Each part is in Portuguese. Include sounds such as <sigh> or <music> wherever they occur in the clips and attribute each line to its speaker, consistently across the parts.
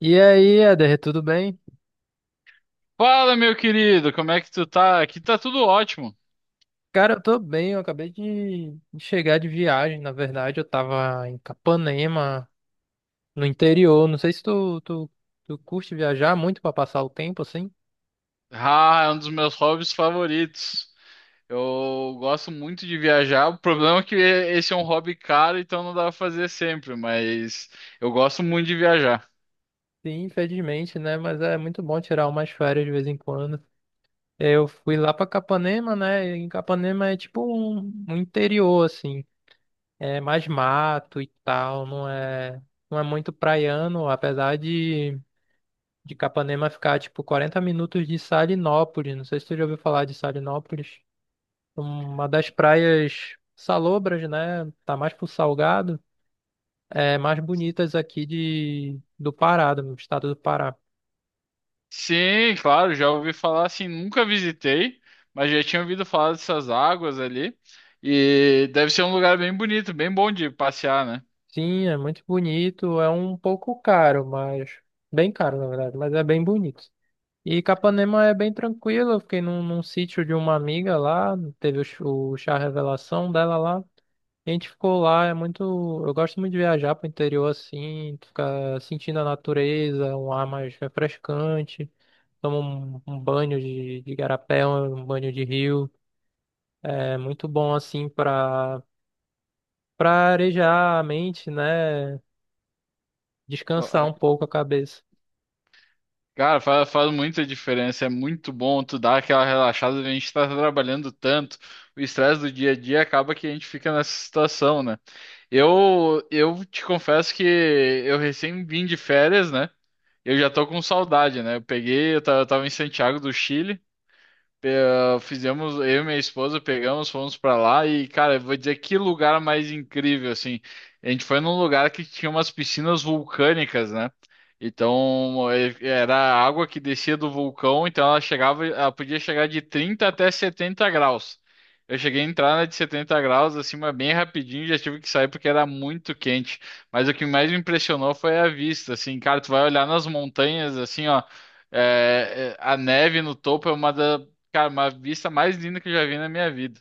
Speaker 1: E aí, Eder, tudo bem?
Speaker 2: Fala, meu querido, como é que tu tá? Aqui tá tudo ótimo.
Speaker 1: Cara, eu tô bem, eu acabei de chegar de viagem, na verdade, eu tava em Capanema, no interior, não sei se tu curte viajar muito pra passar o tempo, assim?
Speaker 2: Ah, é um dos meus hobbies favoritos. Eu gosto muito de viajar. O problema é que esse é um hobby caro, então não dá pra fazer sempre, mas eu gosto muito de viajar.
Speaker 1: Sim, infelizmente, né, mas é muito bom tirar umas férias de vez em quando. Eu fui lá pra Capanema, né, e Capanema é tipo um interior, assim, é mais mato e tal, não é muito praiano, apesar de Capanema ficar tipo 40 minutos de Salinópolis. Não sei se tu já ouviu falar de Salinópolis. Uma das praias salobras, né? Tá mais pro Salgado. É mais bonitas aqui de do Pará, do estado do Pará.
Speaker 2: Sim, claro, já ouvi falar assim, nunca visitei, mas já tinha ouvido falar dessas águas ali. E deve ser um lugar bem bonito, bem bom de passear, né?
Speaker 1: Sim, é muito bonito. É um pouco caro, mas bem caro na verdade, mas é bem bonito. E Capanema é bem tranquilo, eu fiquei num sítio de uma amiga lá, teve o chá revelação dela lá. A gente ficou lá, é muito. Eu gosto muito de viajar pro interior assim, tu fica sentindo a natureza, um ar mais refrescante, toma um banho de igarapé, um banho de rio. É muito bom assim pra arejar a mente, né? Descansar um pouco a cabeça.
Speaker 2: Cara, faz muita diferença. É muito bom tu dar aquela relaxada. A gente tá trabalhando tanto, o estresse do dia a dia acaba que a gente fica nessa situação, né? Eu te confesso que eu recém vim de férias, né? Eu já tô com saudade, né? Eu tava em Santiago do Chile. Eu e minha esposa pegamos, fomos pra lá e, cara, eu vou dizer que lugar mais incrível, assim. A gente foi num lugar que tinha umas piscinas vulcânicas, né? Então, era a água que descia do vulcão, então ela podia chegar de 30 até 70 graus. Eu cheguei a entrar na de 70 graus, assim, mas bem rapidinho, já tive que sair porque era muito quente. Mas o que mais me impressionou foi a vista, assim, cara, tu vai olhar nas montanhas, assim, ó. A neve no topo é uma das... Cara, uma vista mais linda que eu já vi na minha vida.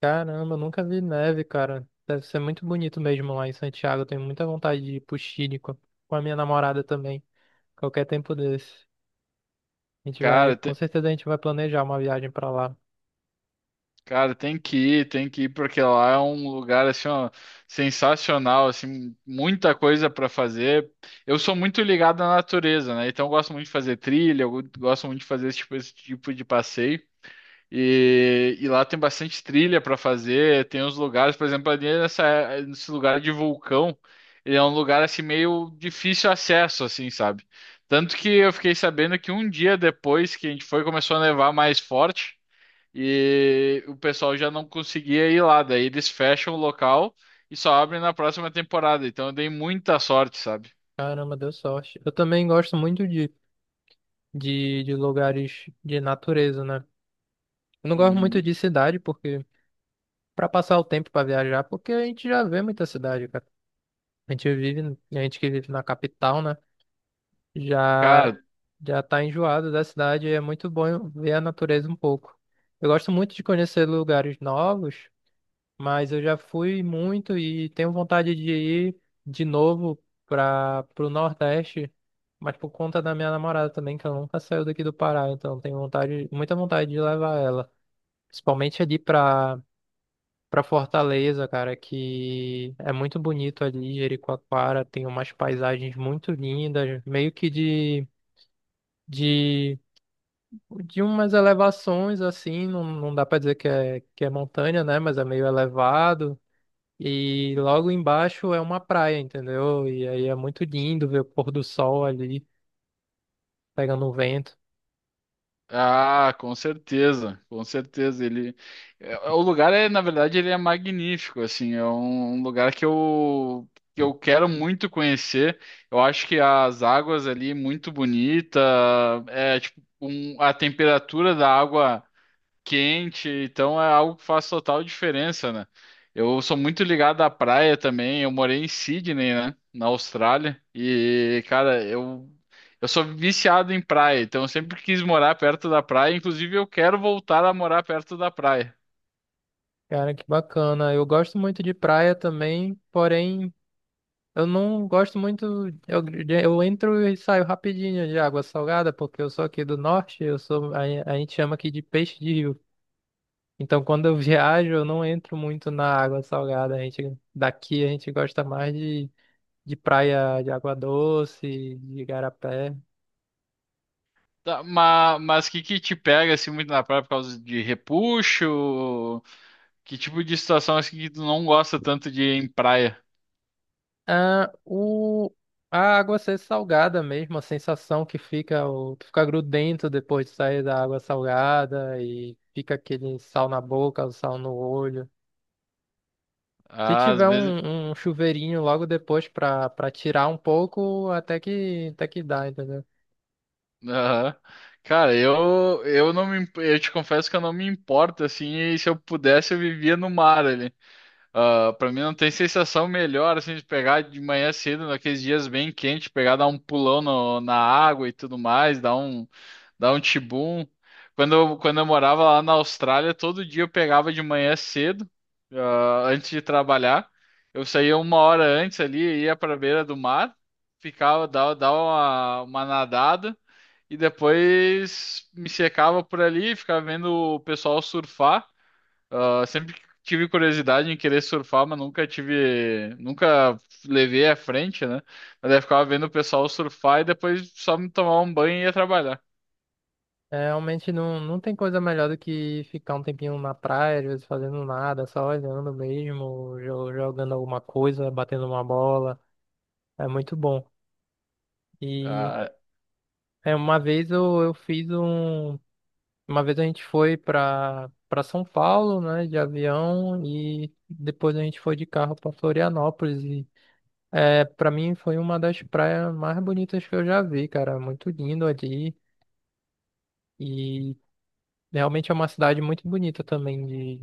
Speaker 1: Caramba, eu nunca vi neve, cara. Deve ser muito bonito mesmo lá em Santiago. Eu tenho muita vontade de ir pro Chile com a minha namorada também. Qualquer tempo desse. A gente vai,
Speaker 2: Cara,
Speaker 1: com
Speaker 2: te-
Speaker 1: certeza a gente vai planejar uma viagem pra lá.
Speaker 2: cara, tem que ir, porque lá é um lugar assim, ó, sensacional, assim, muita coisa para fazer. Eu sou muito ligado à natureza, né? Então eu gosto muito de fazer trilha, eu gosto muito de fazer esse tipo de passeio. E lá tem bastante trilha para fazer, tem uns lugares, por exemplo, ali nesse lugar de vulcão, ele é um lugar assim meio difícil acesso, assim, sabe? Tanto que eu fiquei sabendo que um dia depois que a gente foi, começou a nevar mais forte e o pessoal já não conseguia ir lá, daí eles fecham o local e só abrem na próxima temporada. Então eu dei muita sorte, sabe?
Speaker 1: Caramba, deu sorte. Eu também gosto muito de lugares de natureza, né? Eu não gosto muito de
Speaker 2: Uhum.
Speaker 1: cidade, porque pra passar o tempo pra viajar, porque a gente já vê muita cidade, cara. A gente vive, a gente que vive na capital, né? Já
Speaker 2: Cara,
Speaker 1: já tá enjoado da cidade, é muito bom ver a natureza um pouco. Eu gosto muito de conhecer lugares novos, mas eu já fui muito e tenho vontade de ir de novo para o Nordeste, mas por conta da minha namorada também, que ela nunca saiu daqui do Pará, então tenho vontade, muita vontade de levar ela, principalmente ali para Fortaleza, cara, que é muito bonito ali, Jericoacoara, tem umas paisagens muito lindas, meio que de de umas elevações assim, não dá pra dizer que é montanha, né? Mas é meio elevado. E logo embaixo é uma praia, entendeu? E aí é muito lindo ver o pôr do sol ali pegando um vento.
Speaker 2: Com certeza, com certeza. O lugar é, na verdade, ele é magnífico, assim, é um lugar que eu quero muito conhecer. Eu acho que as águas ali muito bonita, a temperatura da água quente, então é algo que faz total diferença, né? Eu sou muito ligado à praia também. Eu morei em Sydney, né, na Austrália, e cara, eu sou viciado em praia, então eu sempre quis morar perto da praia. Inclusive, eu quero voltar a morar perto da praia.
Speaker 1: Cara, que bacana. Eu gosto muito de praia também, porém eu não gosto muito. Eu, eu entro e saio rapidinho de água salgada, porque eu sou aqui do norte, eu a gente chama aqui de peixe de rio. Então, quando eu <laughs> viajo, eu não entro muito na água salgada. A gente, daqui a gente gosta mais de praia de água doce, de igarapé.
Speaker 2: Tá, mas que te pega assim muito na praia por causa de repuxo? Que tipo de situação assim que tu não gosta tanto de ir em praia?
Speaker 1: Ah, o, a água ser salgada mesmo, a sensação que fica, tu fica grudento depois de sair da água salgada e fica aquele sal na boca, o sal no olho. Se
Speaker 2: Ah, às
Speaker 1: tiver
Speaker 2: vezes.
Speaker 1: um chuveirinho logo depois pra tirar um pouco, até que dá, entendeu?
Speaker 2: Aham. Cara, eu te confesso que eu não me importo assim, e se eu pudesse eu vivia no mar ali. Ah, para mim não tem sensação melhor assim de pegar de manhã cedo, naqueles dias bem quentes, pegar dar um pulão no- na água e tudo mais, dar um dá um tibum. Quando eu morava lá na Austrália, todo dia eu pegava de manhã cedo, antes de trabalhar. Eu saía uma hora antes ali, ia para a beira do mar, ficava, dava uma nadada e depois me secava por ali, ficava vendo o pessoal surfar. Ah, sempre tive curiosidade em querer surfar, mas nunca levei à frente, né? Mas daí eu ficava vendo o pessoal surfar e depois só me tomar um banho e ia trabalhar.
Speaker 1: É, realmente não tem coisa melhor do que ficar um tempinho na praia, às vezes fazendo nada, só olhando mesmo, jogando alguma coisa, batendo uma bola. É muito bom. E
Speaker 2: Ah,
Speaker 1: é, uma vez eu fiz um. Uma vez a gente foi pra São Paulo, né, de avião, e depois a gente foi de carro pra Florianópolis. É, para mim foi uma das praias mais bonitas que eu já vi, cara. Muito lindo ali. E realmente é uma cidade muito bonita também de,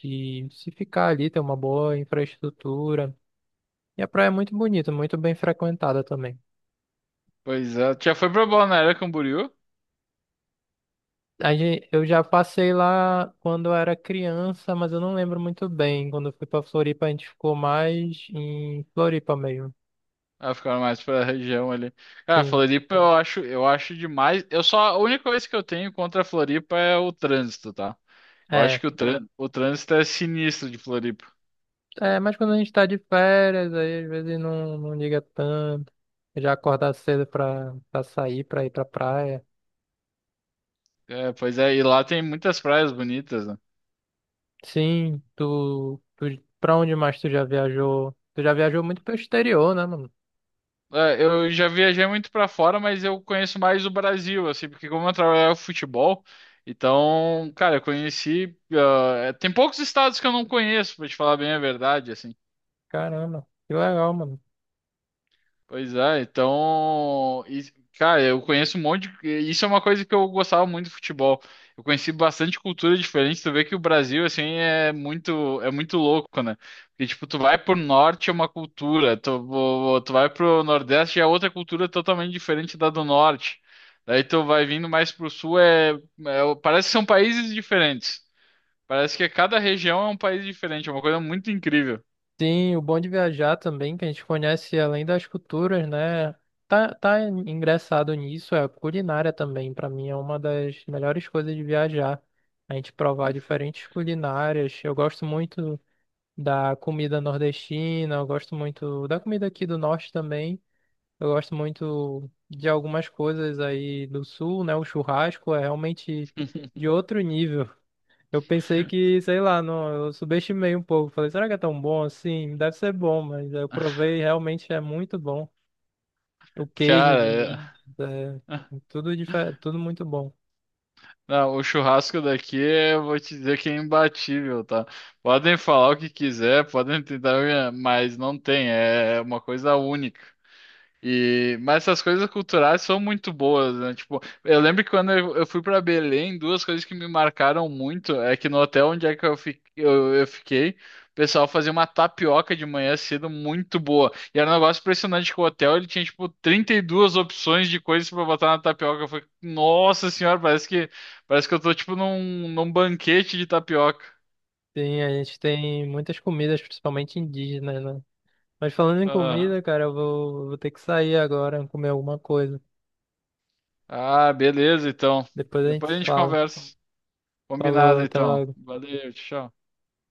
Speaker 1: de, de se ficar ali, ter uma boa infraestrutura. E a praia é muito bonita, muito bem frequentada também.
Speaker 2: pois é, tu já foi pra Balneário Camboriú?
Speaker 1: Eu já passei lá quando eu era criança, mas eu não lembro muito bem. Quando eu fui pra Floripa, a gente ficou mais em Floripa mesmo.
Speaker 2: Ah, ficaram mais pra região ali. Cara,
Speaker 1: Sim.
Speaker 2: Floripa eu acho demais. A única coisa que eu tenho contra a Floripa é o trânsito, tá? Eu
Speaker 1: É,
Speaker 2: acho que o trânsito é sinistro de Floripa.
Speaker 1: É, mas quando a gente tá de férias, aí às vezes não liga tanto. Já acordar cedo pra sair, pra ir pra praia.
Speaker 2: É, pois é, e lá tem muitas praias bonitas, né?
Speaker 1: Sim, tu, tu. pra onde mais tu já viajou? Tu já viajou muito pro exterior, né, mano?
Speaker 2: É, eu já viajei muito pra fora, mas eu conheço mais o Brasil, assim, porque como eu trabalhava com futebol, então, cara, eu conheci. Ah, é, tem poucos estados que eu não conheço, pra te falar bem a verdade, assim.
Speaker 1: Caramba, que legal, mano.
Speaker 2: Pois é, então, e, cara, eu conheço um monte de, isso é uma coisa que eu gostava muito do futebol. Eu conheci bastante cultura diferente, tu vê que o Brasil assim é muito louco, né? Porque tipo, tu vai pro norte é uma cultura, tu vai pro nordeste é outra cultura totalmente diferente da do norte. Daí tu vai vindo mais pro sul parece que são países diferentes. Parece que cada região é um país diferente, é uma coisa muito incrível.
Speaker 1: Sim, o bom de viajar também, que a gente conhece além das culturas, né? Tá, tá engraçado nisso, é a culinária também. Pra mim é uma das melhores coisas de viajar. A gente provar diferentes culinárias. Eu gosto muito da comida nordestina, eu gosto muito da comida aqui do norte também. Eu gosto muito de algumas coisas aí do sul, né? O churrasco é realmente
Speaker 2: <laughs>
Speaker 1: de outro nível. Eu pensei que, sei lá, não, eu subestimei um pouco. Falei, será que é tão bom assim? Deve ser bom, mas eu provei, e realmente é muito bom. O queijo
Speaker 2: Cara,
Speaker 1: de
Speaker 2: é.
Speaker 1: Minas, é tudo, tudo muito bom.
Speaker 2: Não, o churrasco daqui, eu vou te dizer que é imbatível, tá? Podem falar o que quiser, podem tentar, mas não tem, é uma coisa única. E, mas essas coisas culturais são muito boas, né? Tipo, eu lembro que quando eu fui para Belém, duas coisas que me marcaram muito é que no hotel onde é que eu fiquei, o pessoal fazia uma tapioca de manhã cedo muito boa. E era um negócio impressionante que o hotel ele tinha, tipo, 32 opções de coisas para botar na tapioca. Eu falei, nossa senhora, parece que eu tô, tipo, num banquete de tapioca.
Speaker 1: Sim, a gente tem muitas comidas, principalmente indígenas, né? Mas falando em
Speaker 2: Ah,
Speaker 1: comida, cara, vou ter que sair agora, comer alguma coisa.
Speaker 2: beleza, então.
Speaker 1: Depois a gente
Speaker 2: Depois a
Speaker 1: se
Speaker 2: gente
Speaker 1: fala.
Speaker 2: conversa.
Speaker 1: Falou,
Speaker 2: Combinado,
Speaker 1: até
Speaker 2: então.
Speaker 1: logo.
Speaker 2: Valeu, tchau.